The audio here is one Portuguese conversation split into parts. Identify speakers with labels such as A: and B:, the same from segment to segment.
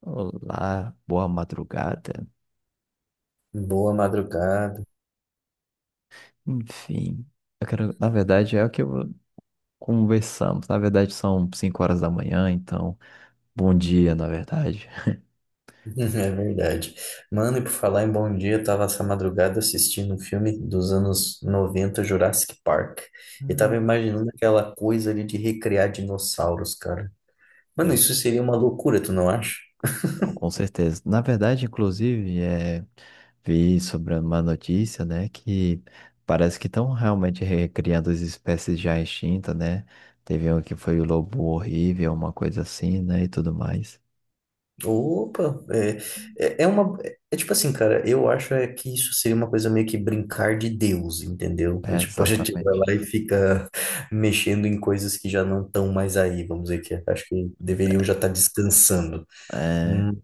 A: Olá, boa madrugada.
B: Boa madrugada.
A: Enfim, eu quero, na verdade, é o que conversamos. Na verdade, são 5 horas da manhã, então, bom dia, na verdade.
B: É verdade. Mano, e por falar em bom dia, eu tava essa madrugada assistindo um filme dos anos 90, Jurassic Park. E tava
A: Não,
B: imaginando aquela coisa ali de recriar dinossauros, cara. Mano,
A: não,
B: isso seria uma loucura, tu não acha?
A: não, com certeza. Na verdade, inclusive, é, vi sobre uma notícia, né, que parece que estão realmente recriando as espécies já extintas, né? Teve um que foi o lobo horrível, uma coisa assim, né, e tudo mais.
B: Opa, é, é uma. É tipo assim, cara, eu acho é que isso seria uma coisa meio que brincar de Deus, entendeu? É
A: É,
B: tipo, a gente pode tirar
A: exatamente.
B: lá e fica mexendo em coisas que já não estão mais aí, vamos dizer que é. Acho que deveriam já estar descansando.
A: É.
B: Hum,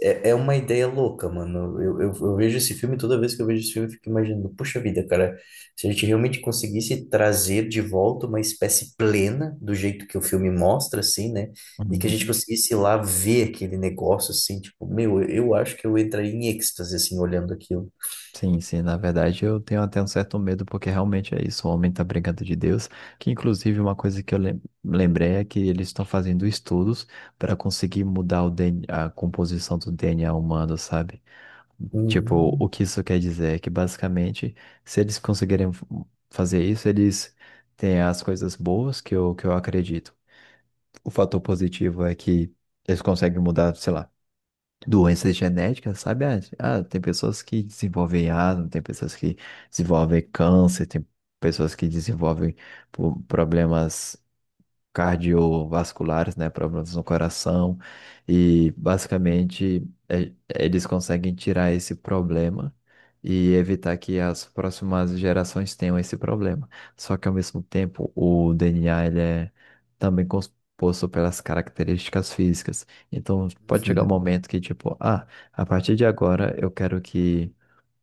B: É, é uma ideia louca, mano. Eu vejo esse filme, toda vez que eu vejo esse filme, eu fico imaginando, puxa vida, cara, se a gente realmente conseguisse trazer de volta uma espécie plena do jeito que o filme mostra, assim, né? E que a gente conseguisse ir lá ver aquele negócio, assim, tipo, meu, eu acho que eu entraria em êxtase, assim, olhando aquilo.
A: Sim, sim, na verdade eu tenho até um certo medo, porque realmente é isso, o homem tá brincando de Deus, que inclusive uma coisa que lembrei é que eles estão fazendo estudos para conseguir mudar o DNA, a composição do DNA humano, sabe? Tipo,
B: Uhum.
A: o que isso quer dizer é que basicamente, se eles conseguirem fazer isso, eles têm as coisas boas que eu acredito. O fator positivo é que eles conseguem mudar, sei lá, doenças genéticas, sabe? Ah, ah, tem pessoas que desenvolvem asma, tem pessoas que desenvolvem câncer, tem pessoas que desenvolvem problemas cardiovasculares, né, problemas no coração, e basicamente eles conseguem tirar esse problema e evitar que as próximas gerações tenham esse problema. Só que ao mesmo tempo, o DNA ele é também composto pelas características físicas. Então, pode chegar um
B: Uhum.
A: momento que tipo, ah, a partir de agora eu quero que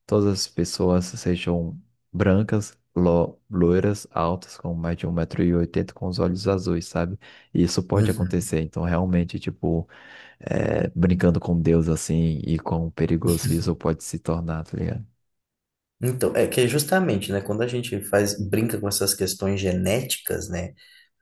A: todas as pessoas sejam brancas, loiras, altas, com mais de 1,80 m com os olhos azuis, sabe? E isso pode
B: Uhum.
A: acontecer. Então, realmente, tipo, é, brincando com Deus assim e quão perigoso isso pode se tornar, tá ligado?
B: Então, é que é justamente, né, quando a gente faz, brinca com essas questões genéticas, né,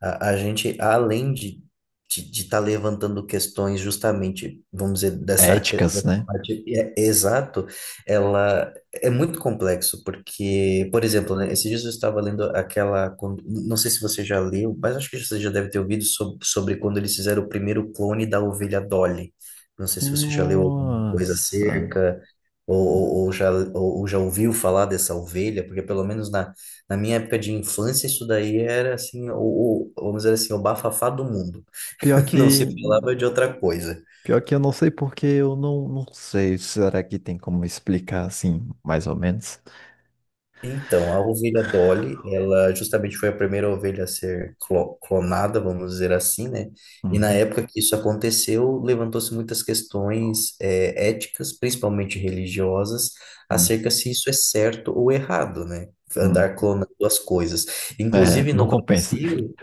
B: a gente, além de estar levantando questões justamente, vamos dizer, dessa,
A: Éticas,
B: dessa
A: né?
B: parte, é, é exato, ela é muito complexo, porque, por exemplo, né, esses dias eu estava lendo aquela, não sei se você já leu, mas acho que você já deve ter ouvido sobre, sobre quando eles fizeram o primeiro clone da ovelha Dolly. Não sei se você já leu alguma coisa
A: Nossa.
B: acerca. Ou já ouviu falar dessa ovelha? Porque pelo menos na, na minha época de infância, isso daí era assim, o, vamos dizer assim, o bafafá do mundo.
A: Pior
B: Não se
A: que,
B: falava de outra coisa.
A: pior que eu não sei porque eu não sei. Será que tem como explicar assim, mais ou menos?
B: Então, a ovelha Dolly, ela justamente foi a primeira ovelha a ser clonada, vamos dizer assim, né? E na
A: Uhum,
B: época que isso aconteceu, levantou-se muitas questões éticas, principalmente religiosas,
A: uhum,
B: acerca se isso é certo ou errado, né?
A: uhum.
B: Andar clonando as coisas.
A: É,
B: Inclusive
A: não
B: no
A: compensa.
B: Brasil,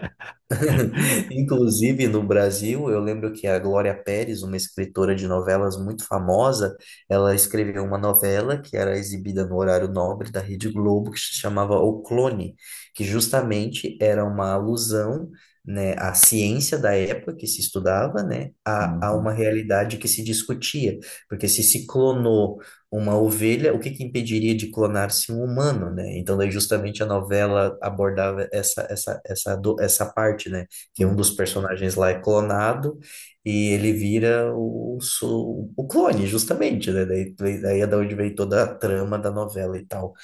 B: inclusive, no Brasil, eu lembro que a Glória Pérez, uma escritora de novelas muito famosa, ela escreveu uma novela que era exibida no horário nobre da Rede Globo, que se chamava O Clone, que justamente era uma alusão, né, à ciência da época que se estudava, né, a
A: Uhum,
B: uma realidade que se discutia. Porque se clonou uma ovelha, o que que impediria de clonar-se um humano, né? Então, daí justamente a novela abordava essa parte, né? Que é um
A: uhum.
B: dos personagens lá é clonado e ele vira o, o clone, justamente, né? Daí, daí é da onde vem toda a trama da novela e tal.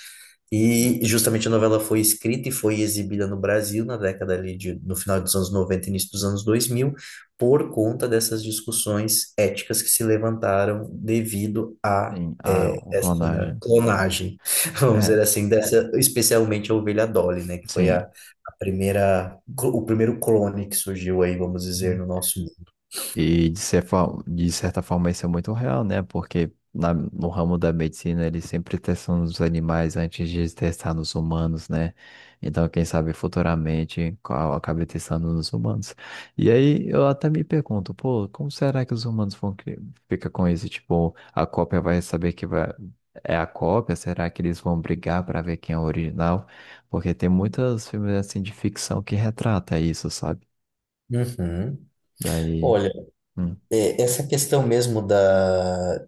B: E justamente a novela foi escrita e foi exibida no Brasil na década ali de, no final dos anos 90 e início dos anos 2000 por conta dessas discussões éticas que se levantaram devido a
A: Sim, a
B: essa
A: clonagem.
B: clonagem, vamos
A: É,
B: dizer assim, dessa, especialmente a ovelha Dolly, né, que foi
A: sim.
B: a primeira, o primeiro clone que surgiu aí, vamos dizer,
A: Uhum.
B: no nosso
A: E de certa forma isso é muito real, né? Porque no ramo da medicina eles sempre testam nos animais antes de testar nos humanos, né? Então, quem sabe futuramente qual acabe testando nos humanos. E aí eu até me pergunto, pô, como será que os humanos ficar com isso? Tipo, a cópia vai saber que é a cópia? Será que eles vão brigar para ver quem é o original? Porque tem muitos filmes assim de ficção que retrata isso, sabe?
B: mundo. Uhum.
A: Daí.
B: Olha,
A: Hum,
B: é, essa questão mesmo da,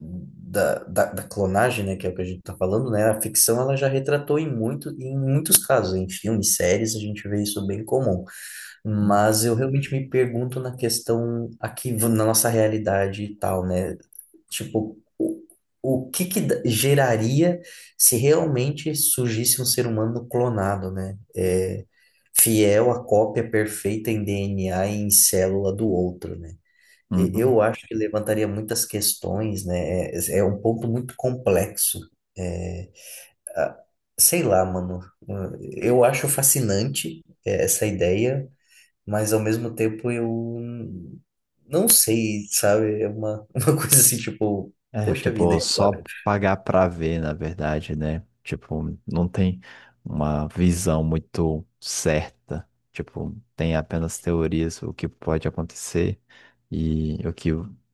B: da, da, da clonagem, né, que é o que a gente está falando, né, a ficção ela já retratou em muito, em muitos casos, em filmes, séries, a gente vê isso bem comum.
A: hum,
B: Mas eu realmente me pergunto na questão aqui na nossa realidade e tal, né? Tipo, o que que geraria se realmente surgisse um ser humano clonado, né? É, fiel à cópia perfeita em DNA e em célula do outro, né?
A: uhum.
B: Eu acho que levantaria muitas questões, né? É, é um ponto muito complexo. É, a- sei lá, mano. Eu acho fascinante é, essa ideia, mas ao mesmo tempo eu não sei, sabe? É uma, uma coisa assim, tipo,
A: É,
B: poxa vida,
A: tipo,
B: e
A: só
B: agora?
A: pagar pra ver, na verdade, né? Tipo, não tem uma visão muito certa. Tipo, tem apenas teorias, o que pode acontecer e o que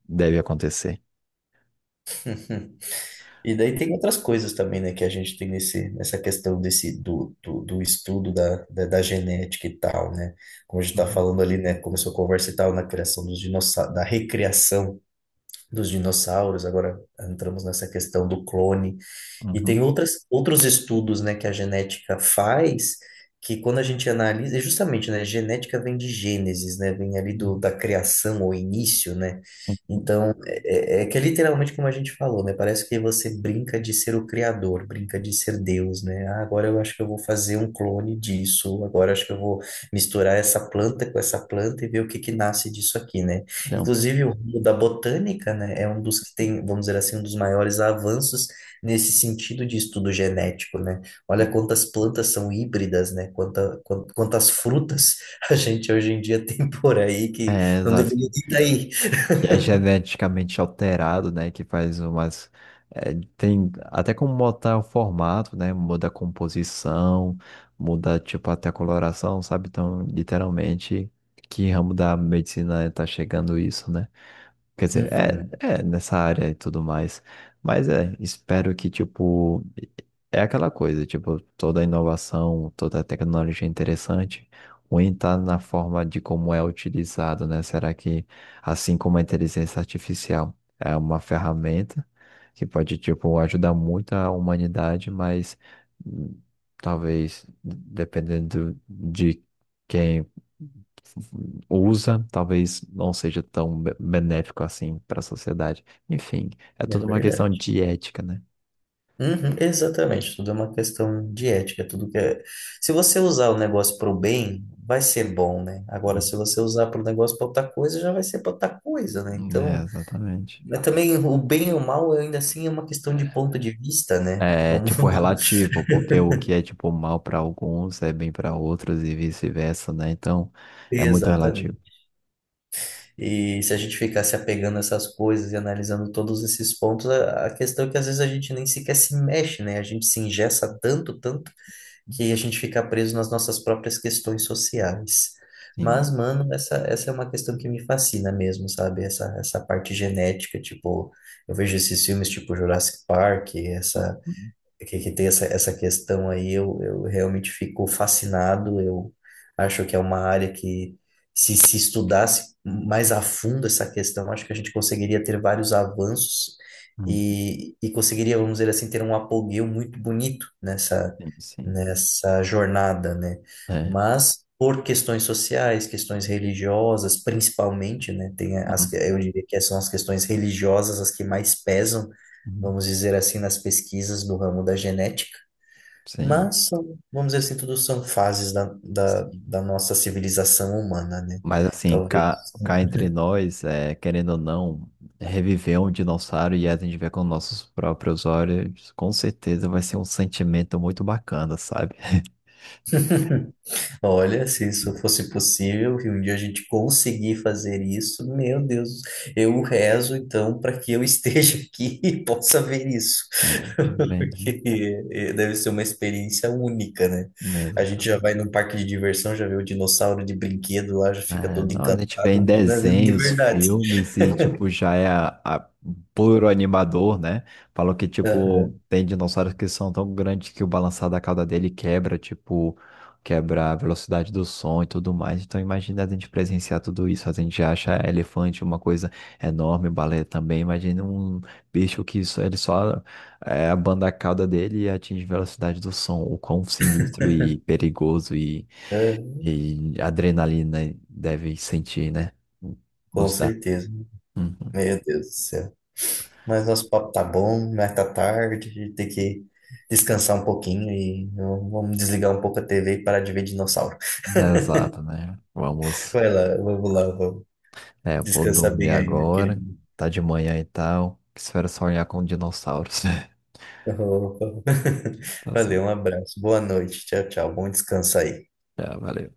A: deve acontecer.
B: E daí tem outras coisas também, né, que a gente tem nesse, nessa questão desse, do estudo da genética e tal, né? Como a gente está
A: Uhum.
B: falando ali, né, começou a conversa e tal, na criação dos dinossauros, da recriação dos dinossauros, agora entramos nessa questão do clone. E tem
A: Uhum.
B: outras, outros estudos, né, que a genética faz, que quando a gente analisa, e justamente, né, genética vem de Gênesis, né, vem ali do,
A: Uhum.
B: da criação ou início, né? Então, é que é literalmente como a gente falou, né? Parece que você brinca de ser o criador, brinca de ser Deus, né? Ah, agora eu acho que eu vou fazer um clone disso, agora eu acho que eu vou misturar essa planta com essa planta e ver o que que nasce disso aqui, né?
A: Então,
B: Inclusive, o ramo da botânica, né, é um dos que tem, vamos dizer assim, um dos maiores avanços nesse sentido de estudo genético, né? Olha
A: sim.
B: quantas plantas são híbridas, né? Quanta, quantas frutas a gente hoje em dia tem por aí que
A: É,
B: não
A: exato.
B: deveria estar aí.
A: Que é geneticamente alterado, né? Que faz umas. É, tem até como mudar o formato, né? Muda a composição, muda, tipo, até a coloração, sabe? Então, literalmente, que ramo da medicina tá chegando isso, né? Quer dizer, é,
B: Uhum,
A: é nessa área e tudo mais. Mas é, espero que, tipo, é aquela coisa, tipo, toda inovação, toda tecnologia é interessante, ruim tá na forma de como é utilizado, né? Será que, assim como a inteligência artificial é uma ferramenta que pode, tipo, ajudar muito a humanidade, mas hum, talvez, dependendo de quem usa, talvez não seja tão benéfico assim para a sociedade. Enfim, é
B: é
A: tudo uma questão
B: verdade.
A: de ética, né?
B: Uhum, exatamente, tudo é uma questão de ética, é tudo que é... Se você usar o negócio para o bem, vai ser bom, né? Agora,
A: Hum.
B: se você usar para o negócio para outra coisa, já vai ser para outra coisa, né?
A: É,
B: Então,
A: exatamente.
B: mas também o bem e o mal ainda assim é uma questão de ponto de vista, né?
A: É
B: Vamos
A: tipo relativo, porque o que é tipo mal para alguns é bem para outros e vice-versa, né? Então, é
B: ver
A: muito relativo.
B: exatamente. E se a gente ficar se apegando a essas coisas e analisando todos esses pontos, a questão é que às vezes a gente nem sequer se mexe, né? A gente se engessa tanto, tanto, que a gente fica preso nas nossas próprias questões sociais. Mas,
A: Sim.
B: mano, essa é uma questão que me fascina mesmo, sabe? Essa parte genética, tipo, eu vejo esses filmes tipo Jurassic Park, essa que tem essa, essa questão aí, eu realmente fico fascinado. Eu acho que é uma área que, se estudasse mais a fundo essa questão, acho que a gente conseguiria ter vários avanços
A: Hum.
B: e conseguiria, vamos dizer assim, ter um apogeu muito bonito nessa,
A: Sim, sim.
B: nessa jornada, né?
A: É.
B: Mas. Por questões sociais, questões religiosas, principalmente, né? Tem as,
A: Hum,
B: eu diria que são as questões religiosas as que mais pesam,
A: hum.
B: vamos dizer assim, nas pesquisas do ramo da genética,
A: Sim,
B: mas são, vamos dizer assim, tudo são fases
A: sim.
B: da nossa civilização humana, né?
A: Mas assim,
B: Talvez,
A: cá entre nós, é, querendo ou não, reviver um dinossauro e a gente ver com nossos próprios olhos, com certeza vai ser um sentimento muito bacana, sabe?
B: olha, se isso fosse possível, e um dia a gente conseguir fazer isso, meu Deus, eu rezo então para que eu esteja aqui e possa ver isso,
A: É, também, né?
B: porque deve ser uma experiência única, né?
A: É,
B: A gente já vai
A: exatamente.
B: num parque de diversão, já vê o dinossauro de brinquedo lá, já fica
A: É,
B: todo
A: não, a
B: encantado,
A: gente vê em
B: a gente já vê de
A: desenhos,
B: verdade.
A: filmes e, tipo, já é a- puro animador, né? Falou que, tipo, tem dinossauros que são tão grandes que o balançar da cauda dele quebra, tipo, quebra a velocidade do som e tudo mais. Então, imagina a gente presenciar tudo isso. A gente acha elefante uma coisa enorme, baleia também. Imagina um bicho que só, ele só é, abanda a cauda dele e atinge a velocidade do som. O quão sinistro e perigoso
B: É,
A: e adrenalina deve sentir, né?
B: com
A: Nos dá.
B: certeza.
A: Uhum.
B: Meu Deus do céu. Mas nosso papo tá bom, mas tá tarde, a gente tem que descansar um pouquinho e vamos desligar um pouco a TV e parar de ver dinossauro.
A: Exato, né? Vamos.
B: Vai lá, vamos lá, vamos.
A: É, eu vou
B: Descansar
A: dormir
B: bem aí, meu
A: agora.
B: querido.
A: Tá de manhã e tal. Espero sonhar com dinossauros.
B: Opa.
A: Tá
B: Valeu, um
A: certo.
B: abraço. Boa noite. Tchau, tchau. Bom descanso aí.
A: Já, valeu.